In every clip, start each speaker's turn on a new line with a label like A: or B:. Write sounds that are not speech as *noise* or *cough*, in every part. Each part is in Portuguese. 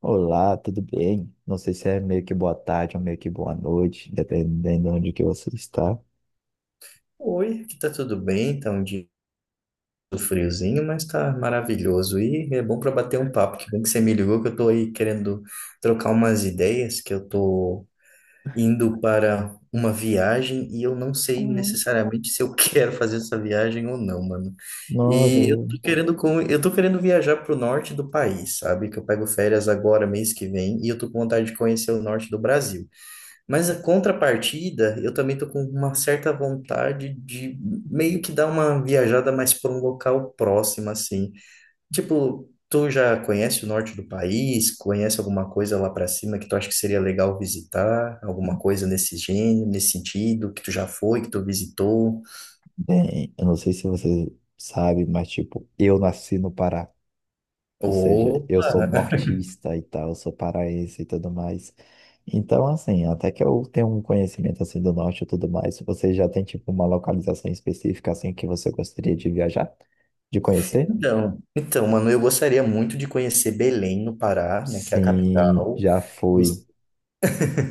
A: Olá, tudo bem? Não sei se é meio que boa tarde ou meio que boa noite, dependendo de onde que você está.
B: Oi, aqui tá tudo bem, tá um dia friozinho, mas tá maravilhoso e é bom para bater um papo, que bem que você me ligou que eu tô aí querendo trocar umas ideias, que eu tô indo para uma viagem e eu não sei
A: Hum.
B: necessariamente se eu *laughs* quero fazer essa viagem ou não, mano.
A: Nossa,
B: E eu tô querendo eu tô querendo viajar pro norte do país, sabe? Que eu pego férias agora mês que vem e eu tô com vontade de conhecer o norte do Brasil. Mas a contrapartida, eu também tô com uma certa vontade de meio que dar uma viajada mais para um local próximo, assim. Tipo, tu já conhece o norte do país? Conhece alguma coisa lá para cima que tu acha que seria legal visitar? Alguma coisa nesse gênero, nesse sentido, que tu já foi, que tu visitou?
A: bem, eu não sei se você sabe, mas tipo, eu nasci no Pará. Ou seja,
B: Ou...
A: eu sou nortista e tal, eu sou paraense e tudo mais. Então, assim, até que eu tenho um conhecimento assim do norte e tudo mais, você já tem tipo uma localização específica assim que você gostaria de viajar, de conhecer?
B: Então, mano, eu gostaria muito de conhecer Belém, no Pará, né, que é a
A: Sim,
B: capital.
A: já fui,
B: Gos-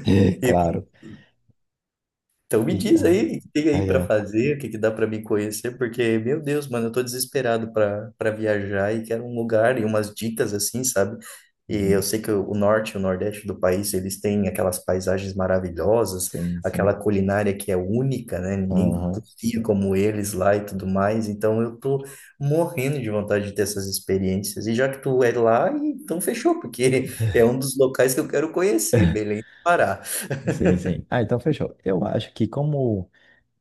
A: *laughs*
B: E
A: claro.
B: Então me
A: E,
B: diz
A: ó,
B: aí o que tem aí
A: aí
B: para
A: é.
B: fazer, o que que dá para me conhecer, porque, meu Deus, mano, eu tô desesperado para viajar e quero um lugar e umas dicas assim, sabe? E eu
A: Uhum.
B: sei que o norte e o nordeste do país, eles têm aquelas paisagens maravilhosas,
A: Sim,
B: aquela
A: sim.
B: culinária que é única, né? Ninguém
A: Aham.
B: cozinha como eles lá e tudo mais. Então eu tô morrendo de vontade de ter essas experiências. E já que tu é lá, então fechou, porque *laughs* é um dos locais que eu quero conhecer, Belém do Pará.
A: Sim, sim. Ah, então fechou. Eu acho que como.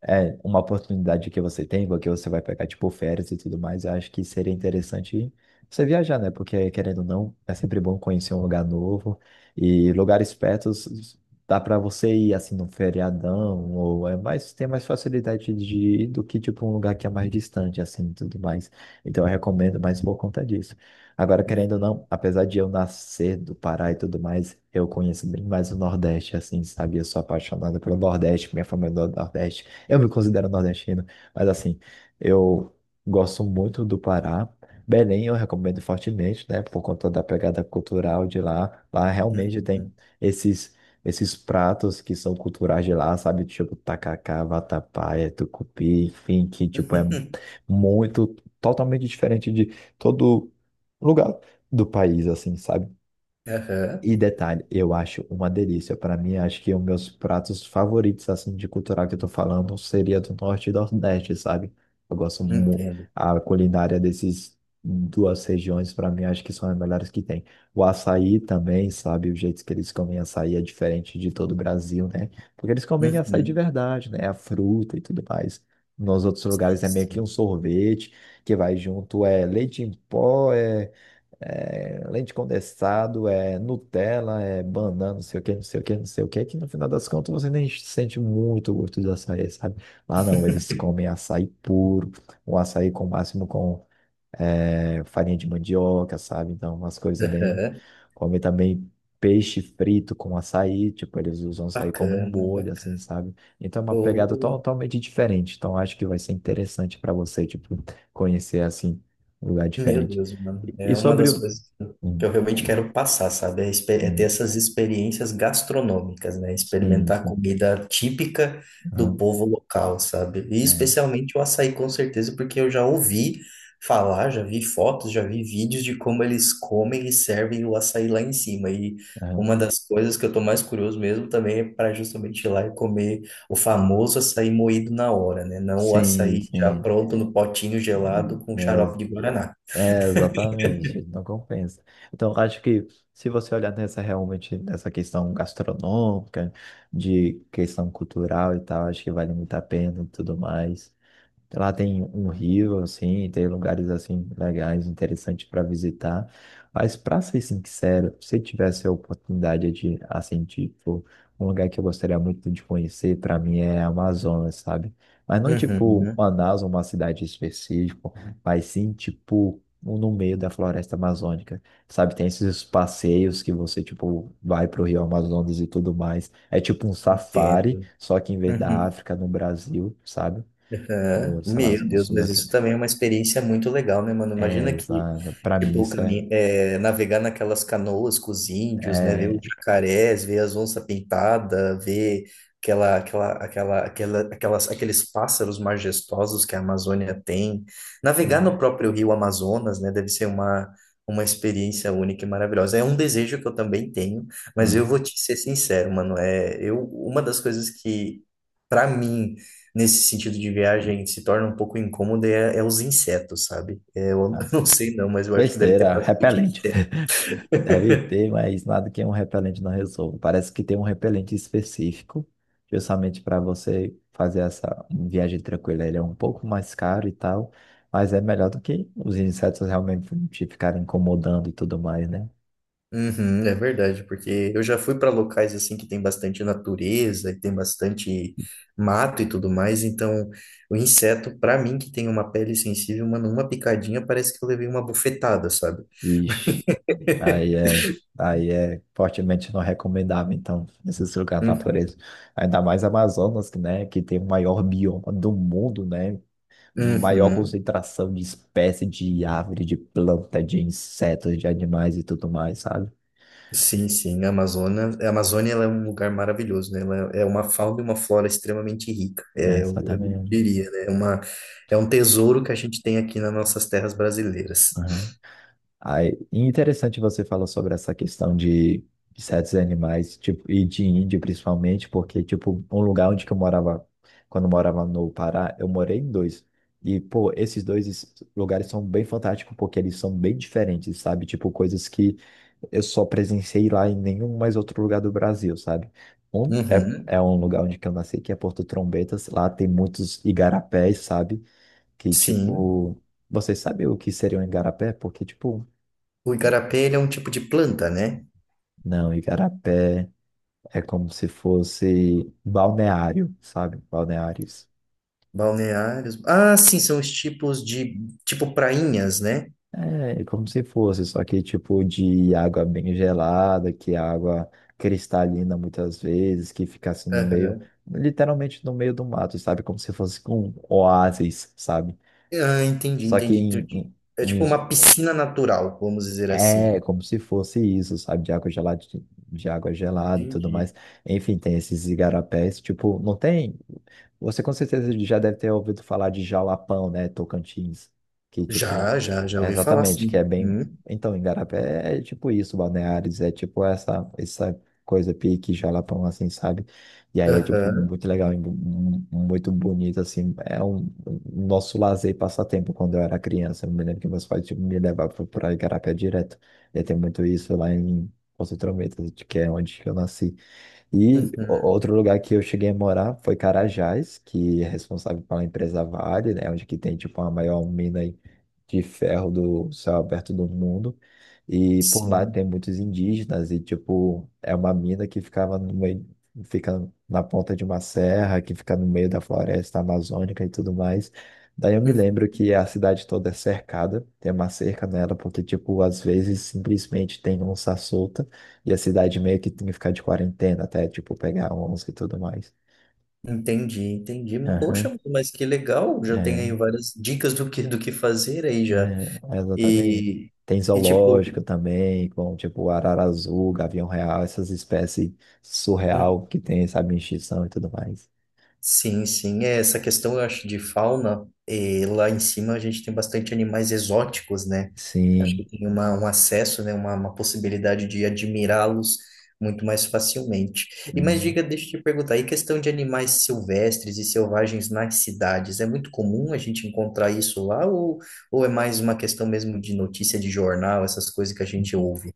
A: É, uma oportunidade que você tem, porque você vai pegar, tipo, férias e tudo mais, eu acho que seria interessante você viajar, né? Porque, querendo ou não, é sempre bom conhecer um lugar novo e lugares perto dá para você ir, assim, num feriadão, ou é mais, tem mais facilidade de ir do que, tipo, um lugar que é mais distante, assim, e tudo mais. Então, eu recomendo mais por conta disso. Agora, querendo ou não,
B: Uhum,
A: apesar de eu nascer do Pará e tudo mais, eu conheço bem mais o Nordeste, assim, sabe? Eu sou apaixonado pelo Nordeste, minha família é do Nordeste. Eu me considero nordestino, mas assim, eu gosto muito do Pará. Belém eu recomendo fortemente, né? Por conta da pegada cultural de lá. Lá realmente
B: uhum.
A: tem esses, esses pratos que são culturais de lá, sabe? Tipo tacacá, vatapá, tucupi, enfim, que tipo é
B: *laughs*
A: muito, totalmente diferente de todo lugar do país, assim, sabe?
B: Aham,
A: E detalhe, eu acho uma delícia. Para mim, acho que os meus pratos favoritos, assim, de cultural que eu tô falando, seria do Norte e do Nordeste, sabe? Eu gosto muito
B: entendo.
A: a culinária desses duas regiões, para mim, acho que são as melhores que tem. O açaí também, sabe? O jeito que eles comem açaí é diferente de todo o Brasil, né? Porque eles comem açaí de
B: Uhum,
A: verdade, né? A fruta e tudo mais. Nos outros
B: sei
A: lugares é meio que
B: sim.
A: um sorvete que vai junto, é leite em pó, é leite condensado, é Nutella, é banana, não sei o que, não sei o que, não sei o que, que no final das contas você nem sente muito o gosto do açaí, sabe? Lá não, eles comem açaí puro, um açaí com máximo com farinha de mandioca, sabe? Então, umas coisas bem.
B: Aham,
A: Comem também peixe frito com açaí, tipo, eles usam açaí como um
B: bacana,
A: molho, assim,
B: bacana.
A: sabe? Então é uma pegada
B: Ou,
A: totalmente diferente. Então, acho que vai ser interessante para você, tipo, conhecer assim um lugar
B: meu
A: diferente.
B: Deus, mano. É
A: E
B: uma
A: sobre
B: das
A: o-.
B: coisas que
A: Sim,
B: eu realmente quero passar, sabe? É ter
A: sim,
B: essas experiências gastronômicas, né?
A: sim,
B: Experimentar a
A: sim.
B: comida típica do
A: Aham,
B: povo local, sabe? E
A: é,
B: especialmente o açaí, com certeza, porque eu já ouvi falar, já vi fotos, já vi vídeos de como eles comem e servem o açaí lá em cima. E
A: aham.
B: uma das coisas que eu tô mais curioso mesmo também é para justamente ir lá e comer o famoso açaí moído na hora, né? Não o
A: Sim,
B: açaí já
A: sim.
B: pronto no potinho gelado com xarope de
A: É,
B: guaraná.
A: é, exatamente, não compensa. Então, eu acho que se você olhar nessa realmente nessa questão gastronômica, de questão cultural e tal, acho que vale muito a pena e tudo mais. Lá tem um rio, assim, tem lugares, assim, legais, interessantes para visitar. Mas, para ser sincero, se tivesse a oportunidade de, assim, tipo, um lugar que eu gostaria muito de conhecer, para mim, é a Amazonas, sabe? Mas não, tipo,
B: Uhum,
A: Manaus, uma cidade específica, mas sim, tipo, no meio da floresta amazônica, sabe? Tem esses passeios que você, tipo, vai pro Rio Amazonas e tudo mais. É tipo um safari,
B: entendo.
A: só que em vez da
B: Uhum,
A: África, no Brasil, sabe?
B: aham.
A: No, sei lá,
B: Meu
A: no
B: Deus,
A: sul da
B: mas
A: França.
B: isso também é uma experiência muito legal, né, mano?
A: É,
B: Imagina que,
A: exato. Pra mim isso é,
B: Navegar naquelas canoas com os índios, né? Ver os
A: é
B: jacarés, ver as onças pintadas, ver aqueles pássaros majestosos que a Amazônia tem. Navegar no
A: hum,
B: próprio rio Amazonas, né? Deve ser uma experiência única e maravilhosa. É um desejo que eu também tenho, mas eu
A: aham,
B: vou te ser sincero, mano. Uma das coisas que, para mim, nesse sentido de viagem se torna um pouco incômodo é os insetos, sabe? É, eu *laughs* não
A: assim,
B: sei não, mas eu acho que deve ter
A: besteira,
B: bastante
A: repelente.
B: inseto.
A: *laughs* Deve ter, mas nada que um repelente não resolva. Parece que tem um repelente específico, justamente para você fazer essa viagem tranquila. Ele é um pouco mais caro e tal, mas é melhor do que os insetos realmente te ficarem incomodando e tudo mais, né?
B: Uhum, é verdade, porque eu já fui para locais assim que tem bastante natureza e tem bastante mato e tudo mais, então o inseto, para mim que tem uma pele sensível, mano, uma picadinha parece que eu levei uma bufetada, sabe?
A: Vixe. Aí é, aí é fortemente não recomendável, então, esses lugares da
B: Uhum.
A: natureza. Ainda mais Amazonas, que, né, que tem o maior bioma do mundo, né? Maior
B: Uhum.
A: concentração de espécies de árvore, de planta, de insetos, de animais e tudo mais, sabe?
B: Sim, sim, a Amazônia ela é um lugar maravilhoso, né? Ela é uma fauna e uma flora extremamente rica,
A: É,
B: é, eu
A: exatamente.
B: diria, né? É um tesouro que a gente tem aqui nas nossas terras brasileiras.
A: Aí, e interessante você falar sobre essa questão de certos animais, tipo, e de índio principalmente, porque, tipo, um lugar onde que eu morava, quando eu morava no Pará, eu morei em dois. E, pô, esses dois lugares são bem fantásticos porque eles são bem diferentes, sabe? Tipo, coisas que eu só presenciei lá em nenhum mais outro lugar do Brasil, sabe? Um é,
B: Uhum,
A: é um lugar onde que eu nasci, que é Porto Trombetas. Lá tem muitos igarapés, sabe? Que,
B: sim.
A: tipo, vocês sabem o que seria um igarapé? Porque, tipo,
B: O igarapé, ele é um tipo de planta, né?
A: não, igarapé é como se fosse balneário, sabe? Balneários.
B: Balneários. Ah, sim, são os tipos de, tipo prainhas, né?
A: É, é como se fosse, só que tipo de água bem gelada, que é água cristalina muitas vezes, que fica assim no meio,
B: Aham.
A: literalmente no meio do mato, sabe? Como se fosse um oásis, sabe?
B: Ah, entendi,
A: Só que
B: entendi.
A: em, em,
B: É
A: em
B: tipo uma piscina natural, vamos dizer assim.
A: É, como se fosse isso, sabe? De água gelada, de água gelada e tudo
B: Entendi.
A: mais. Enfim, tem esses igarapés, tipo, não tem. Você com certeza já deve ter ouvido falar de Jalapão, né? Tocantins. Que, tipo,
B: Já, já, já
A: é
B: ouvi falar,
A: exatamente, que é
B: sim.
A: bem.
B: Uhum.
A: Então, igarapé é tipo isso, Balneares, é tipo essa coisa pique Jalapão, assim, sabe? E aí é, tipo,
B: Aham.
A: muito legal, e muito bonito, assim. É um nosso lazer e passatempo quando eu era criança. Eu me lembro que meus pais, tipo, me levavam para Igarapé direto. E tem muito isso lá em Poços de Trombetas, que é onde eu nasci. E
B: Uhum.
A: outro lugar que eu cheguei a morar foi Carajás, que é responsável pela empresa Vale, né? Onde que tem, tipo, a maior mina aí de ferro do céu aberto do mundo. E por lá tem
B: Sim,
A: muitos indígenas e, tipo, é uma mina que ficava no meio, fica na ponta de uma serra, que fica no meio da floresta amazônica e tudo mais. Daí eu me
B: hum,
A: lembro que a cidade toda é cercada, tem uma cerca nela, porque, tipo, às vezes simplesmente tem onça solta. E a cidade meio que tinha que ficar de quarentena até, tipo, pegar onça e tudo mais.
B: entendi, entendi.
A: Aham,
B: Poxa, mas que legal, já tem aí
A: é,
B: várias dicas do que fazer aí já.
A: exatamente.
B: E,
A: Tem
B: e tipo,
A: zoológico também, com, tipo, arara azul, gavião real, essas espécies
B: uhum.
A: surreal que tem, sabe, extinção e tudo mais.
B: Sim, sim. É, essa questão, eu acho, de fauna, lá em cima a gente tem bastante animais exóticos, né? Acho
A: Sim.
B: que tem um acesso, né? Uma possibilidade de admirá-los muito mais facilmente. E mas
A: Hum.
B: diga, deixa eu te perguntar, e questão de animais silvestres e selvagens nas cidades, é muito comum a gente encontrar isso lá ou é mais uma questão mesmo de notícia de jornal, essas coisas que a gente ouve?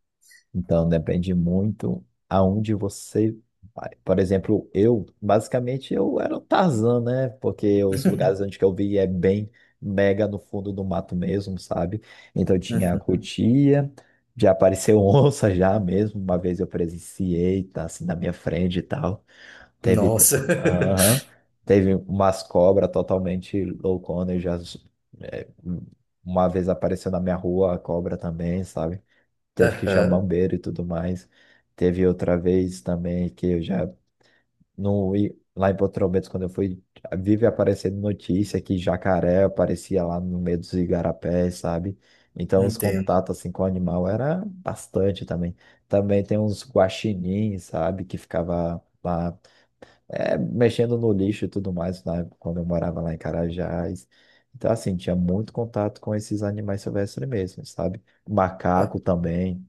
A: Então, depende muito aonde você vai. Por exemplo, eu, basicamente, eu era um Tarzan, né? Porque os lugares onde que eu vi é bem mega no fundo do mato mesmo, sabe? Então, tinha a
B: Uhum.
A: cutia, já apareceu *laughs* onça já mesmo. Uma vez eu presenciei, tá assim na minha frente e tal. Teve, t-
B: Nossa.
A: aham,
B: *laughs*
A: teve umas cobras totalmente loucona. Eu já, é, uma vez apareceu na minha rua a cobra também, sabe? Teve que chamar um
B: Aham,
A: bombeiro e tudo mais. Teve outra vez também que eu já não ia lá em Porto Roberto, quando eu fui, vive aparecendo notícia que jacaré aparecia lá no meio dos igarapés, sabe? Então os
B: entendo.
A: contatos assim com o animal era bastante também. Também tem uns guaxinins, sabe, que ficava lá mexendo no lixo e tudo mais, lá, quando eu morava lá em Carajás. Então, assim, tinha muito contato com esses animais silvestres mesmo, sabe? Macaco também.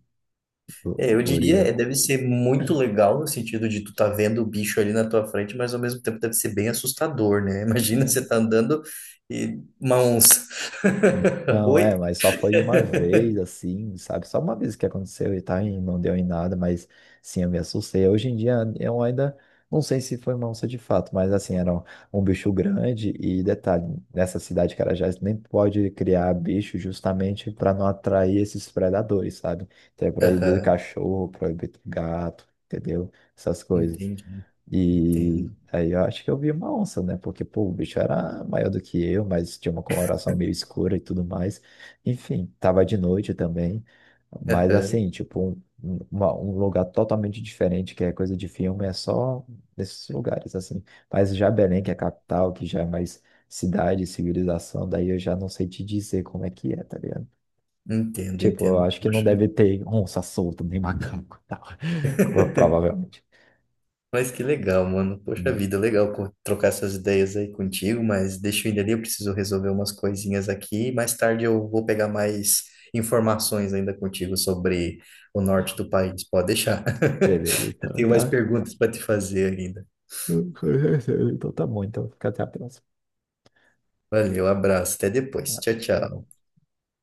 A: O-
B: É, eu
A: o
B: diria,
A: Uriel.
B: é, deve ser muito legal no sentido de tu tá vendo o bicho ali na tua frente, mas ao mesmo tempo deve ser bem assustador, né? *laughs* Imagina você tá
A: É,
B: andando e uma onça. *laughs*
A: então,
B: Oi?
A: mas só foi uma vez, assim, sabe? Só uma vez que aconteceu e tá, e não deu em nada, mas sim, eu me assustei. Hoje em dia, eu ainda não sei se foi uma onça de fato, mas assim, era um bicho grande e detalhe, nessa cidade, Carajás, nem pode criar bicho justamente para não atrair esses predadores, sabe? Então é proibido
B: Aham,
A: cachorro, proibido gato, entendeu? Essas coisas.
B: entendi,
A: E
B: entendo.
A: aí eu acho que eu vi uma onça, né? Porque, pô, o bicho era maior do que eu, mas tinha uma coloração meio escura e tudo mais. Enfim, tava de noite também. Mas
B: Aham,
A: assim, tipo, um lugar totalmente diferente, que é coisa de filme, é só nesses lugares, assim. Mas já Belém, que é a capital, que já é mais cidade, civilização, daí eu já não sei te dizer como é que é, tá ligado?
B: entendo,
A: Tipo, eu
B: entendo.
A: acho que não
B: Poxa.
A: deve ter onça solta, nem *laughs* macaco, e tal. *laughs*
B: *laughs*
A: Provavelmente.
B: Mas que legal, mano. Poxa
A: Hum,
B: vida, legal trocar essas ideias aí contigo, mas deixa eu ir ali, eu preciso resolver umas coisinhas aqui. Mais tarde eu vou pegar mais informações ainda contigo sobre o norte do país. Pode deixar.
A: Beleza,
B: *laughs*
A: então,
B: Tenho mais
A: tá.
B: perguntas para te fazer ainda.
A: *laughs* Então tá bom, então fica até a próxima.
B: Valeu, abraço, até depois. Tchau, tchau.